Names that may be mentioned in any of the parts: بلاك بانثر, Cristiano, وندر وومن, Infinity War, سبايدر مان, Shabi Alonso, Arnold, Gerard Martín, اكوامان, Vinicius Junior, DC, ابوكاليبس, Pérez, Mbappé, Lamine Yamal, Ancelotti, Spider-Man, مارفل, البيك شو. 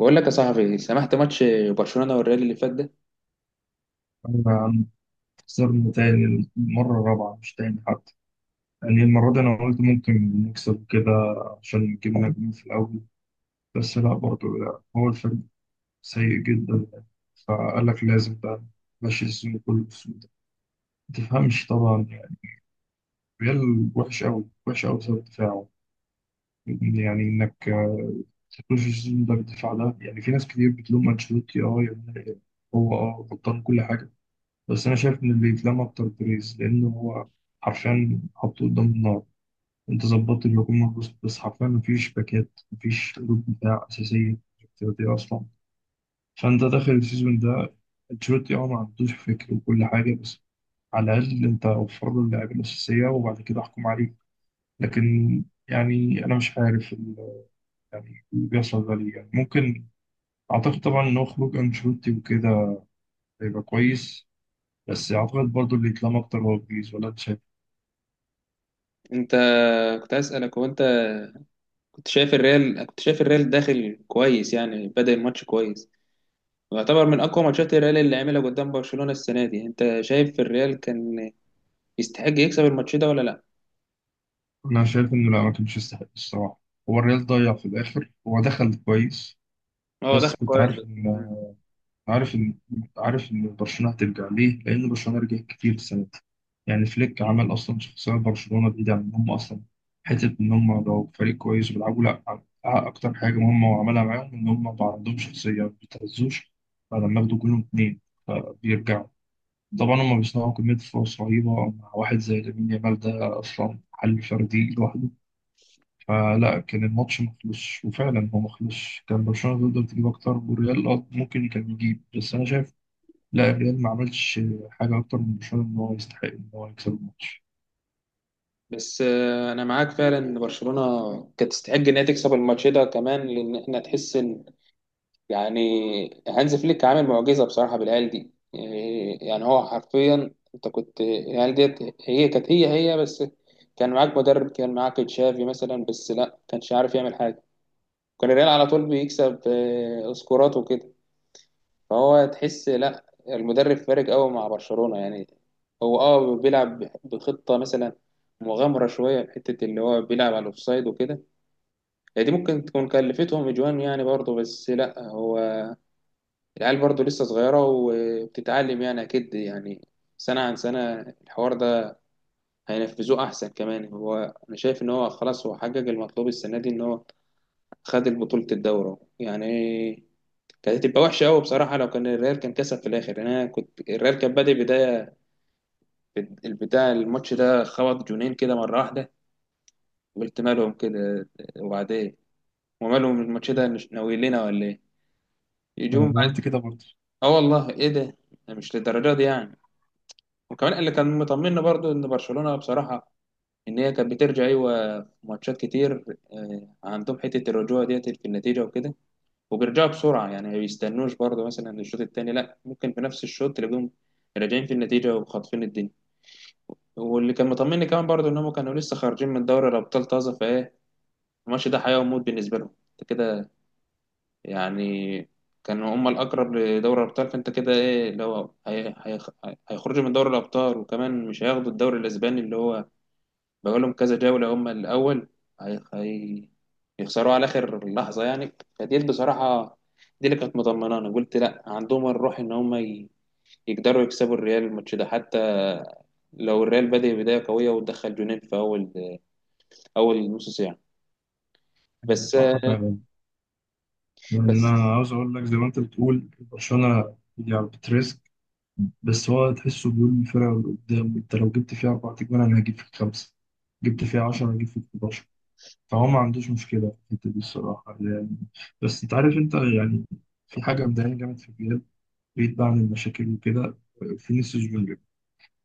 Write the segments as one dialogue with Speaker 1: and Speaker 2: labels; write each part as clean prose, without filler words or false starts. Speaker 1: بقول لك يا صاحبي سمحت ماتش برشلونة والريال اللي فات ده.
Speaker 2: أنا خسرنا تاني، المرة الرابعة مش تاني حتى. يعني المرة دي أنا قلت ممكن نكسب كده عشان جبنا جول في الأول. بس لا برضه، لا هو الفريق سيء جدا. فقال لك لازم بقى ماشي السيزون كله بالسوء ده، ما تفهمش طبعا يعني. ريال وحش أوي وحش أوي بسبب دفاعه. يعني إنك تخش السيزون ده بالدفاع ده. يعني في ناس كتير بتلوم أنشيلوتي، يعني هو غلطان كل حاجة. بس انا شايف ان اللي يتلم اكتر بريز، لانه هو حرفيا حطه قدام النار. انت ظبطت الهجوم والهجوم، بس حرفيا مفيش باكات، مفيش قلوب دفاع اساسيه افتراضيه اصلا. فانت داخل السيزون ده، انشيلوتي ما عندوش فكر وكل حاجه، بس على الاقل انت وفر له اللعيبه الاساسيه وبعد كده احكم عليه. لكن يعني انا مش عارف يعني اللي بيحصل ده ليه. يعني ممكن اعتقد طبعا ان هو خروج انشيلوتي وكده هيبقى كويس. بس اعتقد برضو اللي يتلم اكتر هو بريز، ولا انت شايف؟
Speaker 1: انت كنت عايز اسالك، هو انت كنت شايف الريال داخل كويس، يعني بدأ الماتش كويس ويعتبر من اقوى ماتشات الريال اللي عملها قدام برشلونة السنة دي. انت شايف الريال كان يستحق يكسب الماتش ده ولا لا؟
Speaker 2: أنا شايف إنه لا، ما كانش يستحق الصراحة. هو الريال ضيع في الآخر، هو دخل كويس
Speaker 1: هو
Speaker 2: بس
Speaker 1: داخل
Speaker 2: كنت
Speaker 1: كويس
Speaker 2: عارف
Speaker 1: بس.
Speaker 2: إن عارف إن عارف إن برشلونة هترجع. ليه؟ لأن برشلونة رجعت كتير السنة دي. يعني فليك عمل أصلا شخصية برشلونة، بعيدة عن إن هم أصلا حتة إن هم لو فريق كويس بيلعبوا لا، أكتر حاجة مهمة وعملها معاهم إن هم بقى عندهم شخصية ما بيتهزوش. فلما ياخدوا جولهم اتنين فبيرجعوا. طبعا هم بيصنعوا كمية فرص رهيبة، مع واحد زي لامين يامال ده أصلا حل فردي لوحده. فلا كان الماتش مخلص وفعلا هو مخلص. كان برشلونة تقدر تجيب أكتر، والريال ممكن كان يجيب، بس أنا شايف لا، الريال ما عملش حاجة أكتر من برشلونة إن هو يستحق إن هو يكسب الماتش.
Speaker 1: انا معاك فعلا ان برشلونة كانت تستحق ان هي تكسب الماتش ده كمان، لان احنا تحس ان يعني هانز فليك عامل معجزة بصراحة بالعيال دي، يعني هو حرفيا انت كنت العيال ديت هي كانت هي بس. كان معاك مدرب، كان معاك تشافي مثلا، بس لا كانش عارف يعمل حاجة. كان الريال على طول بيكسب سكورات وكده. فهو تحس لا، المدرب فارق قوي مع برشلونة يعني. هو اه بيلعب بخطة مثلا مغامرة شوية، في حتة اللي هو بيلعب على الأوفسايد وكده. هي دي ممكن تكون كلفتهم أجوان يعني برضه، بس لا هو العيال برضو لسه صغيرة وبتتعلم يعني، أكيد يعني سنة عن سنة الحوار ده هينفذوه أحسن كمان. أنا شايف إن هو خلاص، هو حقق المطلوب السنة دي إن هو خد بطولة الدورة يعني. كانت هتبقى وحشة أوي بصراحة لو كان الريال كان كسب في الآخر يعني. أنا كنت الريال كان بادئ بداية، الماتش ده خبط جونين كده مرة واحدة، قلت مالهم كده، وبعدين ومالهم الماتش ده ناويين لنا ولا إيه؟
Speaker 2: يعني
Speaker 1: يجوم
Speaker 2: أنا قلت
Speaker 1: بعد
Speaker 2: كده برضه.
Speaker 1: آه والله إيه ده؟ مش للدرجة دي يعني. وكمان اللي كان مطمنا برضو ان برشلونه بصراحه، ان هي كانت بترجع ايوه في ماتشات كتير. عندهم حته الرجوع ديت في النتيجه وكده، وبيرجعوا بسرعه يعني، ما بيستنوش برضو مثلا الشوط الثاني، لا ممكن في نفس الشوط تلاقيهم راجعين في النتيجه وخاطفين الدنيا. واللي كان مطمني كمان برضو ان هم كانوا لسه خارجين من دوري الابطال طازه، فايه الماتش ده حياه وموت بالنسبه لهم، انت كده يعني. كانوا هم الاقرب لدوري الابطال، فانت كده ايه اللي هو هيخرجوا من دوري الابطال، وكمان مش هياخدوا الدوري الاسباني اللي هو بقول لهم كذا جولة هم الأول، هي... هي... يخسروا على آخر لحظة يعني. فدي بصراحة، دي اللي كانت مطمنانة، قلت لا عندهم الروح إن هم يقدروا يكسبوا الريال الماتش ده، حتى لو الريال بدأ بداية قوية ودخل جونين في أول نص ساعة بس.
Speaker 2: صح فعلا. يعني
Speaker 1: بس
Speaker 2: أنا عاوز أقول لك، زي ما أنت بتقول برشلونة يعني بتريسك، بس هو تحسه بيقول للفرقة اللي قدام أنت لو جبت فيها أربع تجوان أنا هجيب فيك خمسة، جبت فيها 10 هجيب فيك. فهو ما عندوش مشكلة في الحتة دي الصراحة يعني. بس أنت عارف أنت يعني في حاجة مضايقاني جامد في الريال، بعيد بقى عن المشاكل وكده، فينيسيوس جونيور.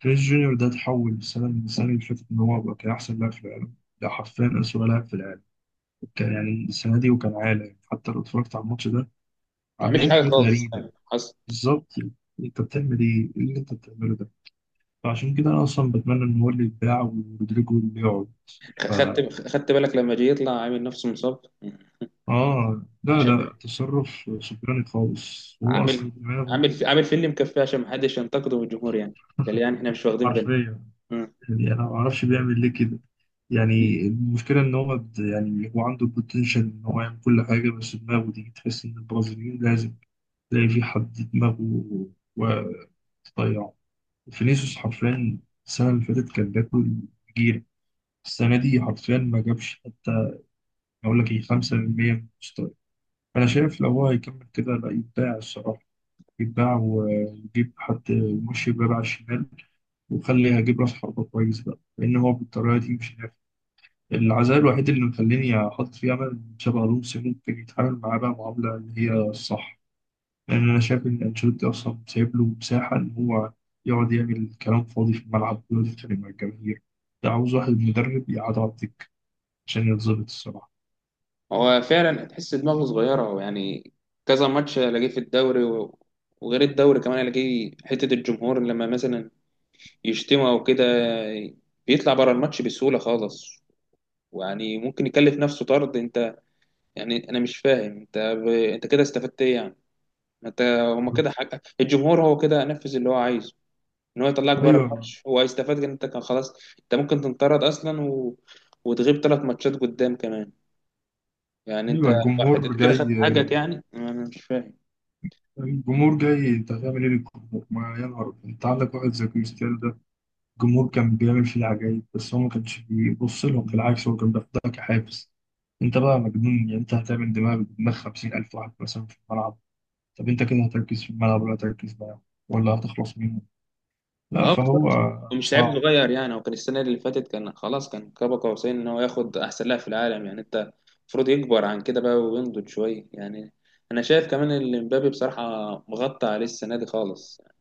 Speaker 2: فينيسيوس جونيور ده اتحول السنة من السنة اللي فاتت إن هو بقى كان أحسن لاعب في العالم، ده حرفيا أسوأ لاعب في العالم كان يعني السنة دي. وكان عالي حتى، لو اتفرجت على الماتش ده
Speaker 1: ما
Speaker 2: عم
Speaker 1: عملش
Speaker 2: بيعمل
Speaker 1: حاجة
Speaker 2: حاجات
Speaker 1: خالص
Speaker 2: غريبة.
Speaker 1: يعني. حصل.
Speaker 2: بالظبط يعني. أنت بتعمل إيه؟ إيه اللي أنت بتعمله ده؟ فعشان كده أنا أصلا بتمنى إن هو اللي يتباع ورودريجو اللي يقعد.
Speaker 1: خدت بالك لما جه يطلع عامل نفسه مصاب؟
Speaker 2: اه لا
Speaker 1: عشان
Speaker 2: لا، تصرف سكراني خالص، هو
Speaker 1: عامل
Speaker 2: اصلا دماغه
Speaker 1: عامل فيلم مكفيه عشان محدش ينتقده من الجمهور يعني، قال يعني احنا مش واخدين بالنا.
Speaker 2: حرفيا. يعني انا ما اعرفش بيعمل ليه كده.
Speaker 1: مم.
Speaker 2: يعني المشكله ان هو يعني هو عنده البوتنشال ان هو يعمل كل حاجه، بس دماغه دي تحس ان البرازيليين لازم تلاقي في حد دماغه وتضيعه. فينيسيوس حرفيا السنه اللي فاتت كان بياكل جيرة، السنه دي حرفيا ما جابش حتى، اقول لك ايه، 5% من مستواه. فانا شايف لو هو هيكمل كده لا يبدع الصراحه، يتباع ونجيب حد ماشي بقى على الشمال، وخلي هجيب راس حربة كويس بقى لأن هو بالطريقة دي مش نافع. العزاء الوحيد اللي مخليني أحط فيه أمل إن شابي ألونسو ممكن يتعامل معاه بقى معاملة اللي هي الصح. لأن أنا شايف إن أنشيلوتي أصلا سايب له مساحة إن هو يقعد يعمل كلام فاضي في الملعب ويقعد يتخانق مع الجماهير. ده عاوز واحد مدرب يقعد على الدكة عشان يتظبط الصراحة.
Speaker 1: هو فعلا تحس دماغه صغيرة هو يعني، كذا ماتش الاقيه في الدوري وغير الدوري كمان الاقيه حتة الجمهور لما مثلا يشتمه او كده بيطلع بره الماتش بسهولة خالص، ويعني ممكن يكلف نفسه طرد. انت يعني انا مش فاهم انت انت كده استفدت ايه يعني؟ ما انت هما كده حاجة الجمهور، هو كده نفذ اللي هو عايزه ان هو يطلعك بره
Speaker 2: أيوه.
Speaker 1: الماتش، هو هيستفاد ان انت كان خلاص. انت ممكن تنطرد اصلا وتغيب ثلاث ماتشات قدام كمان يعني. انت
Speaker 2: أيوه الجمهور
Speaker 1: حته كده
Speaker 2: جاي.
Speaker 1: خدت حاجك، يعني انا مش فاهم.
Speaker 2: الجمهور جاي، أنت هتعمل إيه للجمهور؟ ما يا نهار أبيض. أنت عندك واحد زي كريستيانو ده، الجمهور كان بيعمل فيه العجايب بس هو ما كانش بيبص لهم، بالعكس هو كان بياخدها كحافز. انت بقى مجنون، يعني انت هتعمل دماغ دماغ 50 ألف واحد مثلا في الملعب. طب انت كده هتركز في الملعب ولا هتركز معاهم ولا هتخلص منهم؟ لا
Speaker 1: اه
Speaker 2: فهو
Speaker 1: بالظبط. ومش لعيب
Speaker 2: صعب.
Speaker 1: صغير يعني، هو كان السنه اللي فاتت كان خلاص، كان كبا قوسين ان هو ياخد احسن لاعب في العالم يعني. انت المفروض يكبر عن كده بقى وينضج شويه يعني. انا شايف كمان ان مبابي بصراحه مغطى عليه السنه دي خالص يعني.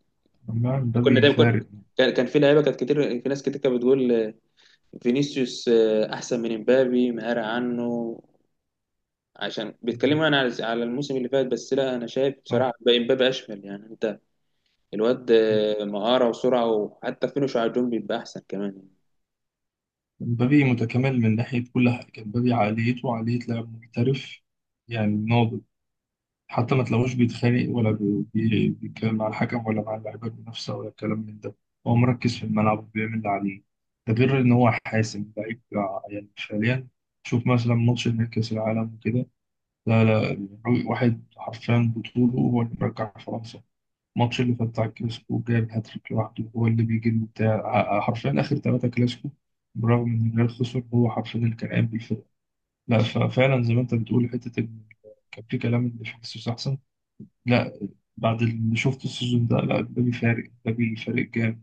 Speaker 2: أما
Speaker 1: كنا
Speaker 2: مبابي
Speaker 1: دايما كنا
Speaker 2: فارق.
Speaker 1: كان في لعيبه كانت كتير، في ناس كتير كانت بتقول فينيسيوس احسن من مبابي مهارة عنه، عشان بيتكلموا انا على الموسم اللي فات. بس لا انا شايف
Speaker 2: صح.
Speaker 1: بصراحه بقى مبابي اشمل يعني. انت الواد مهارة وسرعة وحتى فينش على الجون بيبقى أحسن كمان يعني.
Speaker 2: مبابي متكامل من ناحية كل حاجة. مبابي عقليته عقلية لاعب محترف، يعني ناضج. حتى ما تلاقوش بيتخانق ولا بيتكلم مع الحكم ولا مع اللعيبه المنافسه ولا الكلام من ده. هو مركز في الملعب وبيعمل اللي عليه. ده غير ان هو حاسم لعيب يعني فعليا. شوف مثلا ماتش نهائي كاس العالم وكده. لا لا، واحد حرفيا بطوله هو اللي مرجع فرنسا. الماتش اللي فات بتاع الكلاسيكو جاب هاتريك لوحده، هو اللي بيجيب بتاع حرفيا اخر ثلاثه كلاسيكو برغم ان الريال خسر، هو حرفيا اللي كان قايم بالفرقه. لا، ففعلا زي ما انت بتقول حته إن كان في كلام ان فينيسيوس احسن، لا. بعد اللي شفت السيزون ده لا، مبابي فارق، مبابي فارق جامد.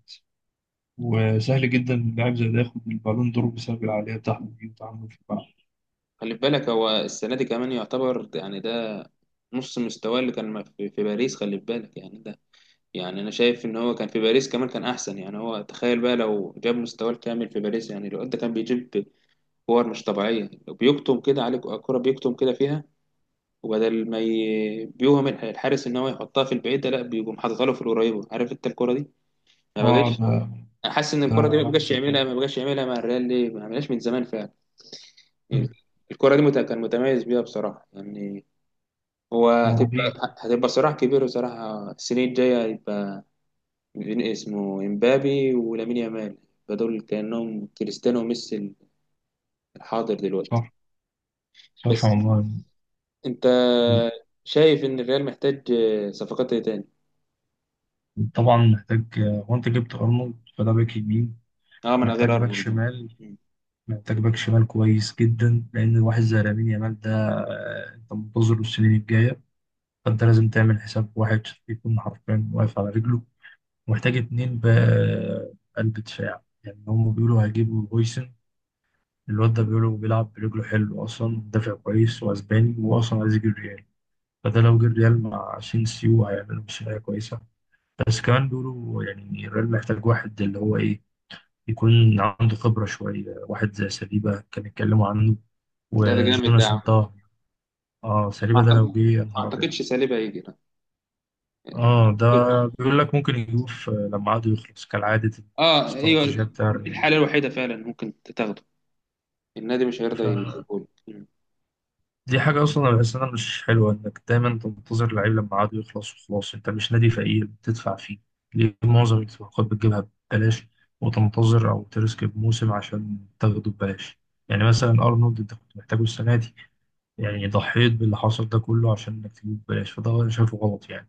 Speaker 2: وسهل جدا إن لاعب زي ده ياخد البالون دور بسبب العقلية بتاعته دي وتعامله في الملعب.
Speaker 1: خلي بالك هو السنة دي كمان يعتبر يعني ده نص مستواه اللي كان في باريس، خلي بالك يعني ده يعني. أنا شايف إن هو كان في باريس كمان كان أحسن يعني، هو تخيل بقى لو جاب مستواه الكامل في باريس يعني، الواد ده كان بيجيب كور مش طبيعية، بيكتم كده عليك الكرة، بيكتم كده فيها. وبدل ما بيوهم الحارس إن هو يحطها في البعيدة لا بيقوم حاططها له في القريبة. عارف أنت الكرة دي؟ ما
Speaker 2: اه
Speaker 1: بجاش.
Speaker 2: ده،
Speaker 1: انا حاسس ان
Speaker 2: ده
Speaker 1: الكره دي ما
Speaker 2: علامة
Speaker 1: بقاش
Speaker 2: مسجلة.
Speaker 1: يعملها، ما بقاش يعملها مع الريال، ليه ما عملهاش من زمان فعلا يعني.
Speaker 2: مم.
Speaker 1: الكره دي كان متميز بيها بصراحه يعني. هو
Speaker 2: هو رهيب.
Speaker 1: هتبقى هتبقى صراع كبير بصراحه السنين الجايه، هيبقى بين اسمه امبابي ولامين يامال، يبقى دول كانهم كريستيانو وميسي الحاضر دلوقتي.
Speaker 2: صح. صح
Speaker 1: بس
Speaker 2: والله.
Speaker 1: انت شايف ان الريال محتاج صفقات ايه تاني؟
Speaker 2: طبعا محتاج، هو انت جبت ارنولد فده باك يمين.
Speaker 1: اه من
Speaker 2: محتاج
Speaker 1: غير
Speaker 2: باك
Speaker 1: ارنولد.
Speaker 2: شمال، محتاج باك شمال كويس جدا لان واحد زي لامين يامال ده انت منتظره السنين الجايه، فانت لازم تعمل حساب واحد يكون حرفيا واقف على رجله. محتاج اتنين بقلب دفاع، يعني هم بيقولوا هيجيبوا هويسن، الواد ده بيقولوا بيلعب برجله حلو اصلا، دافع كويس واسباني واصلا عايز يجي الريال. فده لو جه الريال مع سينسيو هيعملوا مشاريع كويسه. بس كمان بيقولوا يعني الريال محتاج واحد اللي هو ايه، يكون عنده خبره شويه، واحد زي سليبا كان اتكلموا عنه
Speaker 1: ده جامد ده يا
Speaker 2: وجوناس.
Speaker 1: عم.
Speaker 2: انتهى. اه سليبا ده لو
Speaker 1: ما
Speaker 2: جه يا نهار ابيض.
Speaker 1: اعتقدش ساليبا هيجي.
Speaker 2: اه ده بيقول لك ممكن يجيبوه لما عقده يخلص كالعاده.
Speaker 1: اه ايوه.
Speaker 2: الاستراتيجيه بتاع
Speaker 1: دي الحاله الوحيده فعلا ممكن تاخده، النادي مش هيرضى
Speaker 2: الريال
Speaker 1: يسيبهولك. مم.
Speaker 2: دي حاجة أصلا أنا بحس إنها مش حلوة، إنك دايما تنتظر اللعيب لما عقده يخلص وخلاص، أنت مش نادي فقير بتدفع فيه. ليه معظم الصفقات بتجيبها ببلاش، وتنتظر أو ترسك بموسم عشان تاخده ببلاش؟ يعني مثلا أرنولد أنت كنت محتاجه السنة دي، يعني ضحيت باللي حصل ده كله عشان إنك تجيبه ببلاش، فده أنا شايفه غلط يعني.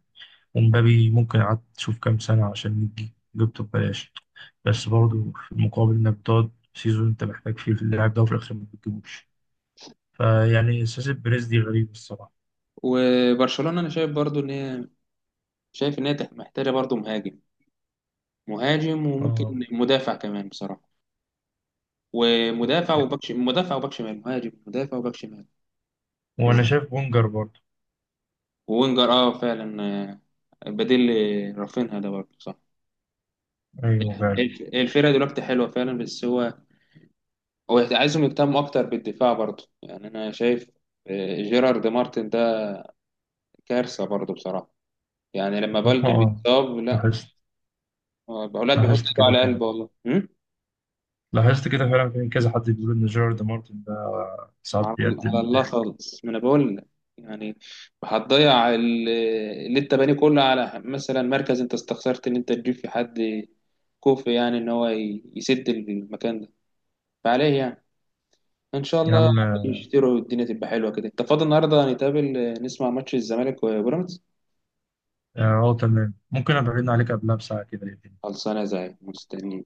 Speaker 2: ومبابي ممكن قعدت تشوف كام سنة عشان يجي جبته ببلاش، بس برضه في المقابل إنك بتقعد سيزون أنت محتاج فيه في اللاعب ده وفي الآخر ما بتجيبوش. فيعني سياسة بيريز دي غريبة الصراحة.
Speaker 1: وبرشلونه انا شايف برضو ان هي، شايف ان هي محتاجه برضو مهاجم، مهاجم وممكن
Speaker 2: اه.
Speaker 1: مدافع كمان بصراحه، ومدافع وباك شمال، مدافع وباك شمال، مهاجم مدافع وباك شمال.
Speaker 2: وانا
Speaker 1: بز-
Speaker 2: شايف بونجر برضه.
Speaker 1: ووينجر اه فعلا، بديل رافينها ده برضه صح.
Speaker 2: ايوه فعلا.
Speaker 1: الفرقه دلوقتي حلوه فعلا، بس هو، هو عايزهم يهتموا اكتر بالدفاع برضه يعني. انا شايف جيرارد مارتن ده كارثه برضه بصراحه يعني، لما
Speaker 2: اه
Speaker 1: بلدي
Speaker 2: اه.
Speaker 1: بيتصاب لا،
Speaker 2: لاحظت.
Speaker 1: هو اولاد بيحط
Speaker 2: لاحظت
Speaker 1: ايده
Speaker 2: كده
Speaker 1: على
Speaker 2: فعلا.
Speaker 1: قلبه والله.
Speaker 2: لاحظت كده فعلا، في كذا حد بيقول ان جيرارد مارتن ده ساعات
Speaker 1: على على
Speaker 2: بيقدم
Speaker 1: الله
Speaker 2: ضحك.
Speaker 1: خالص، ما انا بقول لك يعني، هتضيع اللي انت بانيه كله على مثلا مركز، انت استخسرت ان انت تجيب في حد كوفي يعني ان هو يسد المكان ده فعليه يعني. ان شاء
Speaker 2: يا
Speaker 1: الله
Speaker 2: عم اه.
Speaker 1: يشتروا والدنيا تبقى حلوه كده. انت فاضي النهارده نتقابل، نسمع ماتش الزمالك وبيراميدز؟
Speaker 2: تمام، ممكن ابعدنا عليك قبلها بساعة كده.
Speaker 1: خلصانه زي مستنيين.